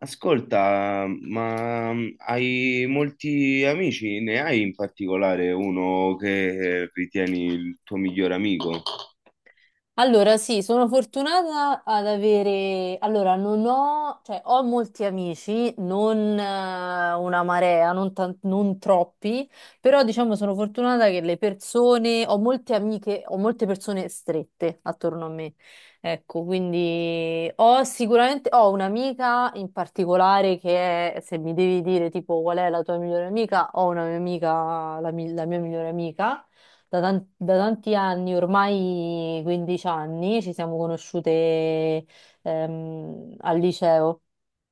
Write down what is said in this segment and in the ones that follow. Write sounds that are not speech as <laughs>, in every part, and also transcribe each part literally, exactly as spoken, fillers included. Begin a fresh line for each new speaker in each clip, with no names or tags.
Ascolta, ma mm, hai molti amici? Ne hai in particolare uno che ritieni il tuo miglior amico?
Allora, sì, sono fortunata ad avere... Allora, non ho... cioè, ho molti amici, non eh, una marea, non, tan- non troppi, però diciamo sono fortunata che le persone... Ho molte amiche, ho molte persone strette attorno a me. Ecco, quindi ho sicuramente... Ho un'amica in particolare che è, se mi devi dire tipo qual è la tua migliore amica, ho una mia amica, la mi- la mia migliore amica da, tan- da tanti anni, ormai quindici anni, ci siamo conosciute ehm, al liceo.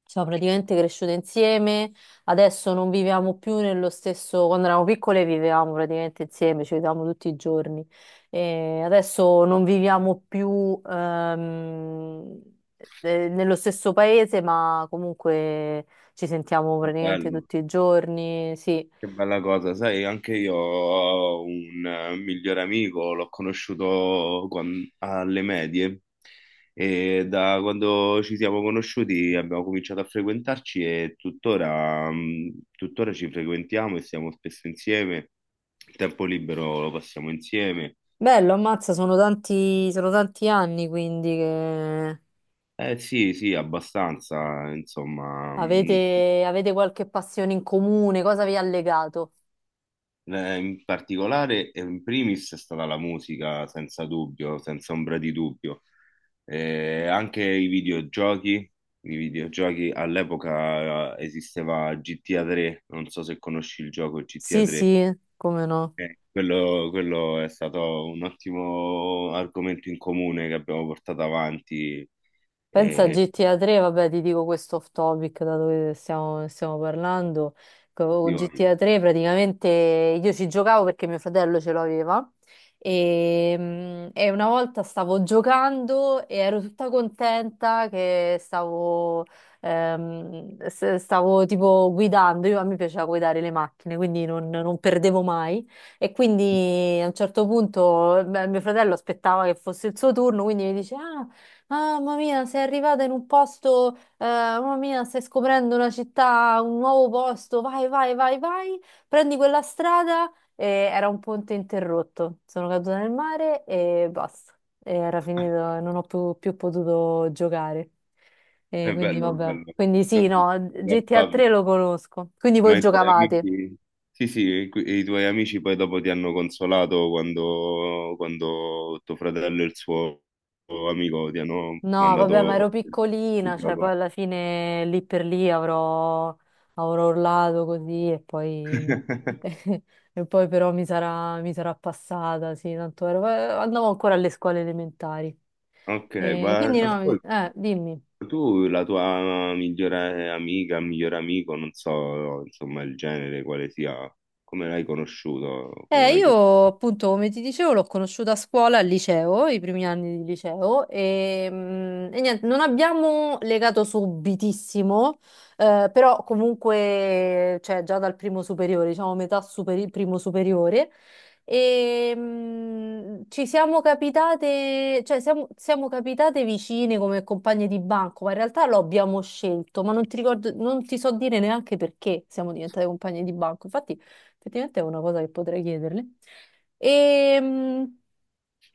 Siamo praticamente cresciute insieme, adesso non viviamo più nello stesso, quando eravamo piccole vivevamo praticamente insieme, ci vedevamo tutti i giorni. E adesso non viviamo più ehm, eh, nello stesso paese, ma comunque ci sentiamo praticamente
Bello,
tutti i giorni, sì.
che bella cosa. Sai, anche io ho un eh, miglior amico, l'ho conosciuto quan- alle medie e da quando ci siamo conosciuti abbiamo cominciato a frequentarci e tuttora, mm, tuttora ci frequentiamo e siamo spesso insieme. Il tempo libero lo passiamo insieme.
Bello, ammazza, sono tanti, sono tanti anni quindi che
Eh sì, sì, abbastanza, insomma, mh,
avete, avete qualche passione in comune, cosa vi ha legato?
eh, in particolare, eh, in primis è stata la musica, senza dubbio, senza ombra di dubbio. Eh, anche i videogiochi, i videogiochi all'epoca eh, esisteva G T A tre, non so se conosci il gioco G T A
Sì,
tre.
sì, come no.
Eh, quello, quello è stato un ottimo argomento in comune che abbiamo portato avanti.
Pensa a
eh,
G T A tre, vabbè, ti dico questo off topic da dove stiamo, stiamo parlando.
Tutti
Con
quanti.
G T A tre praticamente io ci giocavo perché mio fratello ce l'aveva e, mm, e una volta stavo giocando e ero tutta contenta che stavo, ehm, s- stavo tipo guidando. Io, a me piaceva guidare le macchine, quindi non, non perdevo mai. E quindi a un certo punto beh, mio fratello aspettava che fosse il suo turno, quindi mi dice: Ah, mamma mia, sei arrivata in un posto, eh, mamma mia, stai scoprendo una città, un nuovo posto, vai, vai, vai, vai, prendi quella strada e era un ponte interrotto. Sono caduta nel mare e basta. E era finito, non ho più, più potuto giocare. E
È
quindi
bello,
vabbè.
bello.
Quindi sì, no,
Love
G T A
topic.
tre lo conosco. Quindi
Ma
voi
i tuoi
giocavate.
amici, sì, sì, e qui- e i tuoi amici poi dopo ti hanno consolato quando, quando tuo fratello e il suo amico ti hanno
No, vabbè, ma ero
mandato il
piccolina, cioè poi
gioco.
alla fine lì per lì avrò, avrò urlato così e poi,
<laughs>
<laughs> e poi però mi sarà, mi sarà passata, sì, tanto ero- eh, andavo ancora alle scuole elementari.
Ok,
E
ma
quindi no, mi-
ascolta,
eh, dimmi.
tu la tua migliore amica, migliore amico, non so, insomma, il genere, quale sia, come l'hai conosciuto? Come
Eh,
l'hai...
io appunto, come ti dicevo, l'ho conosciuta a scuola, al liceo, i primi anni di liceo, e, mm, e niente, non abbiamo legato subitissimo, eh, però comunque, cioè, già dal primo superiore, diciamo metà superi- primo superiore, e, mm, ci siamo capitate, cioè, siamo, siamo capitate vicine come compagne di banco, ma in realtà lo abbiamo scelto, ma non ti ricordo, non ti so dire neanche perché siamo diventate compagne di banco. Effettivamente è una cosa che potrei chiederle. Ehm,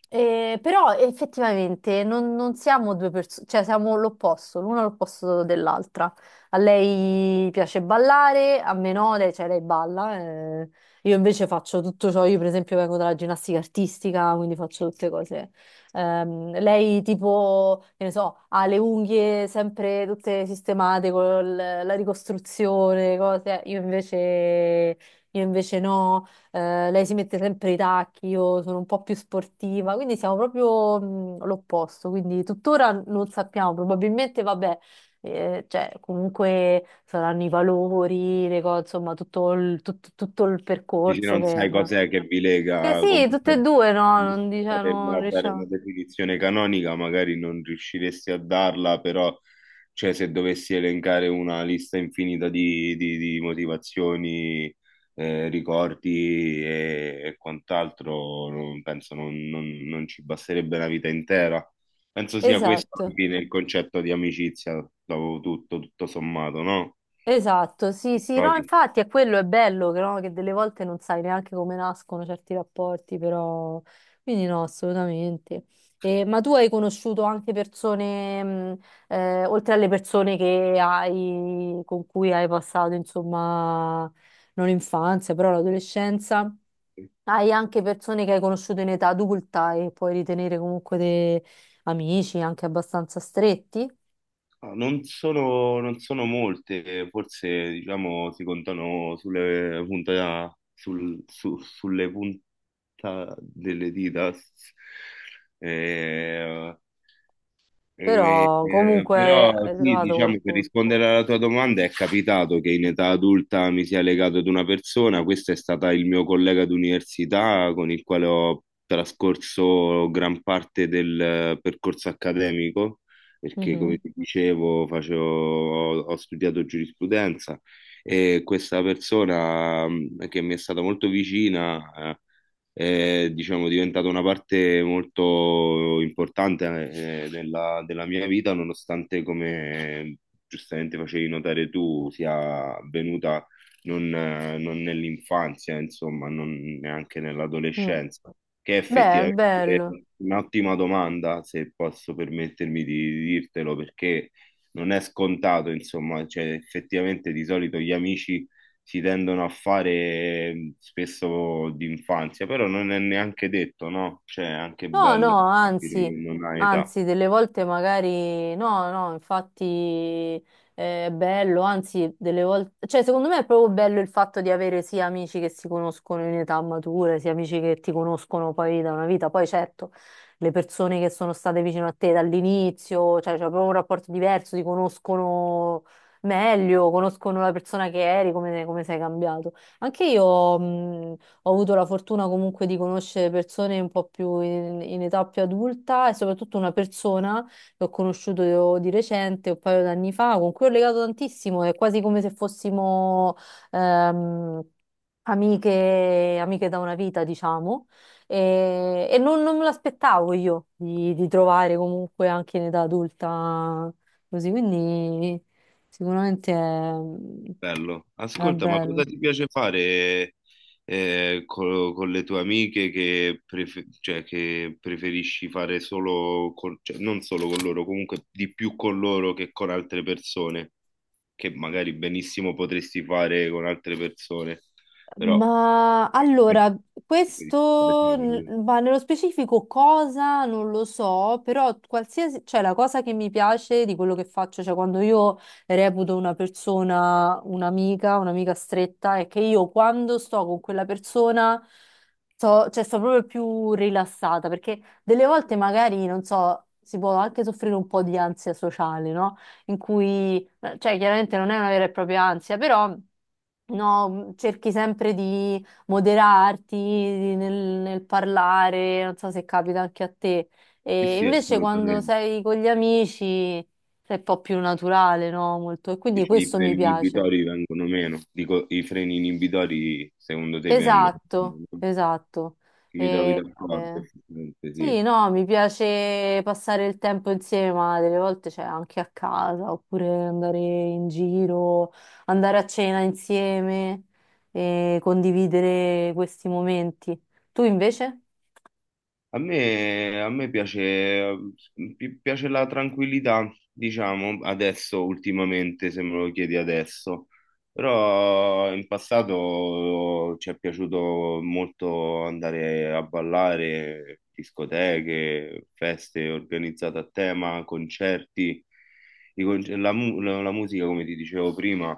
eh, però effettivamente non, non siamo due persone, cioè siamo l'opposto, l'una l'opposto dell'altra. A lei piace ballare, a me no, lei, cioè lei balla. Eh. Io invece faccio tutto ciò, io per esempio vengo dalla ginnastica artistica, quindi faccio tutte cose. Ehm, lei tipo, che ne so, ha le unghie sempre tutte sistemate con la ricostruzione, cose. Io invece io invece no, eh, lei si mette sempre i tacchi, io sono un po' più sportiva, quindi siamo proprio mh, l'opposto, quindi tuttora non sappiamo, probabilmente vabbè, eh, cioè comunque saranno i valori, le cose, insomma tutto il, tut- tutto il
Dici,
percorso
non
che...
sai cos'è che vi
che
lega,
sì, tutte e
comunque
due no, non diciamo, non
a dare una
riusciamo.
definizione canonica, magari non riusciresti a darla, però cioè, se dovessi elencare una lista infinita di, di- di motivazioni, eh, ricordi e, e quant'altro, non- penso non, non- non ci basterebbe una vita intera. Penso sia questo alla
Esatto.
fine il concetto di amicizia, dopo tutto, tutto sommato, no?
Esatto, sì, sì, no,
Trovi?
infatti è quello, è bello che, no, che delle volte non sai neanche come nascono certi rapporti, però... Quindi no, assolutamente. E- ma tu hai conosciuto anche persone, mh, eh, oltre alle persone che hai, con cui hai passato, insomma, non l'infanzia, però l'adolescenza, hai anche persone che hai conosciuto in età adulta e puoi ritenere comunque dei amici anche abbastanza stretti,
Ah, non sono, non sono molte, forse diciamo si contano sulle punta, sul- su- sulle punta delle dita. Eh, eh,
però
eh,
comunque
Però
hai
sì,
trovato
diciamo per
qualcuno.
rispondere alla tua domanda, è capitato che in età adulta mi sia legato ad una persona. Questo è stata il mio collega d'università con il quale ho trascorso gran parte del eh, percorso accademico, perché come
Mhm.
ti dicevo, facevo- ho, ho studiato giurisprudenza e questa persona mh, che mi è stata molto vicina. eh, è diciamo, diventata una parte molto importante eh, della, della mia vita, nonostante, come giustamente facevi notare tu, sia avvenuta non, eh, non nell'infanzia, insomma, non neanche
Mm.
nell'adolescenza, che è
Beh, è
effettivamente
bello.
un'ottima domanda, se posso permettermi di di dirtelo, perché non è scontato, insomma, cioè, effettivamente di solito gli amici si tendono a fare spesso d'infanzia, però non è neanche detto, no? Cioè, è anche
No, no,
bello capire
anzi,
che non hai età.
anzi, delle volte magari no, no, infatti è bello, anzi, delle volte, cioè, secondo me è proprio bello il fatto di avere sia amici che si conoscono in età matura, sia amici che ti conoscono poi da una vita. Poi certo, le persone che sono state vicino a te dall'inizio, cioè, c'è proprio un rapporto diverso, ti conoscono meglio, conoscono la persona che eri, come, come sei cambiato. Anche io, mh, ho avuto la fortuna comunque di conoscere persone un po' più in, in età più adulta e soprattutto una persona che ho conosciuto di recente, un paio d'anni fa, con cui ho legato tantissimo, è quasi come se fossimo ehm, amiche, amiche da una vita, diciamo, e, e non, non me l'aspettavo io di, di trovare comunque anche in età adulta così, quindi sicuramente è,
Bello.
è
Ascolta, ma cosa
bello.
ti piace fare eh, co- con, le tue amiche che, prefe- cioè, che preferisci fare solo con, cioè, non solo con loro, comunque di più con loro che con altre persone, che magari benissimo potresti fare con altre persone, però
Ma allora,
preferisci fare con
questo, n-
loro.
ma nello specifico cosa non lo so, però qualsiasi, cioè la cosa che mi piace di quello che faccio, cioè quando io reputo una persona un'amica, un'amica stretta, è che io quando sto con quella persona sto, cioè, sto proprio più rilassata, perché delle volte magari, non so, si può anche soffrire un po' di ansia sociale, no? In cui eh, cioè, chiaramente non è una vera e propria ansia, però no, cerchi sempre di moderarti di- nel, nel parlare, non so se capita anche a te.
Sì,
E
sì,
invece quando
assolutamente.
sei con gli amici sei un po' più naturale, no? Molto. E quindi
Dici, i
questo mi
freni
piace.
inibitori vengono meno. Dico, i freni inibitori secondo te vengono
Esatto,
meno?
esatto.
Ci mi trovi
E-
d'accordo,
eh,
effettivamente, sì.
sì, no, mi piace passare il tempo insieme, ma delle volte c'è anche a casa, oppure andare in giro, andare a cena insieme e condividere questi momenti. Tu invece?
A me, a me piace, pi- piace la tranquillità, diciamo, adesso, ultimamente, se me lo chiedi adesso. Però in passato ci è piaciuto molto andare a ballare, discoteche, feste organizzate a tema, concerti. I conce- la, mu- la- la musica, come ti dicevo prima,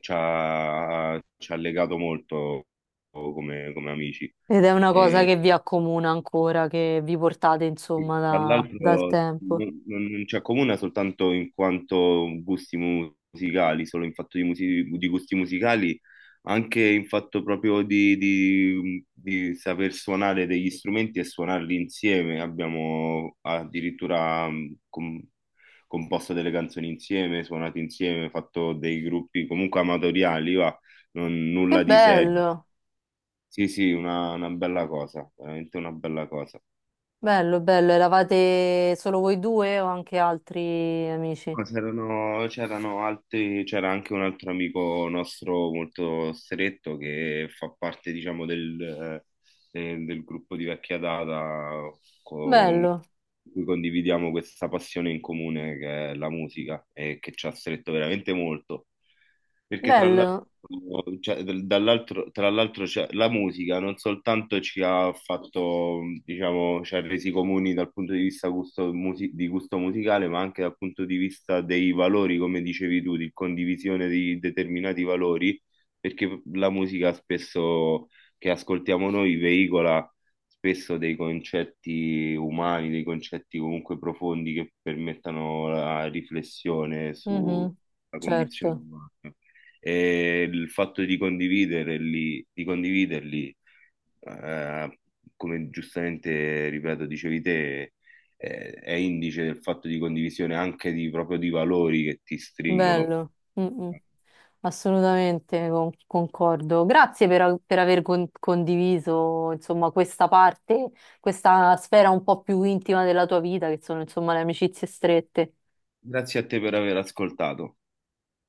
ci ha, ci ha legato molto come, come amici.
Ed è una cosa che vi accomuna ancora, che vi portate
Sì,
insomma
tra
da- dal
l'altro
tempo.
non, non- non ci accomuna soltanto in quanto gusti mu- musicali, solo in fatto di, musi- di gusti musicali, anche in fatto proprio di, di- di saper suonare degli strumenti e suonarli insieme. Abbiamo addirittura mh, com- composto delle canzoni insieme, suonato insieme, fatto dei gruppi comunque amatoriali, va, non-
Che
nulla di serio.
bello,
Sì, sì, una una bella cosa, veramente una bella cosa.
bello, bello. Eravate solo voi due o anche altri amici?
Ma c'erano c'erano altri, c'era anche un altro amico nostro molto stretto che fa parte, diciamo, del, eh, del gruppo di vecchia data con
Bello,
cui condividiamo questa passione in comune che è la musica e che ci ha stretto veramente molto. Perché tra l'altro,
bello.
cioè, dal- dall'altro- tra l'altro cioè, la musica non soltanto ci ha fatto, diciamo, ci ha resi comuni dal punto di vista gusto musi- di gusto musicale, ma anche dal punto di vista dei valori, come dicevi tu, di condivisione di determinati valori, perché la musica spesso che ascoltiamo noi veicola spesso dei concetti umani, dei concetti comunque profondi che permettano la riflessione sulla
Mhm,
condizione
certo.
umana. E il fatto di condividerli, di condividerli, eh, come giustamente, ripeto, dicevi te, eh, è indice del fatto di condivisione anche di, proprio di valori che ti stringono.
Bello, mm, mm. Assolutamente con- concordo. Grazie per, a- per aver con- condiviso, insomma, questa parte, questa sfera un po' più intima della tua vita, che sono, insomma, le amicizie strette.
Grazie a te per aver ascoltato.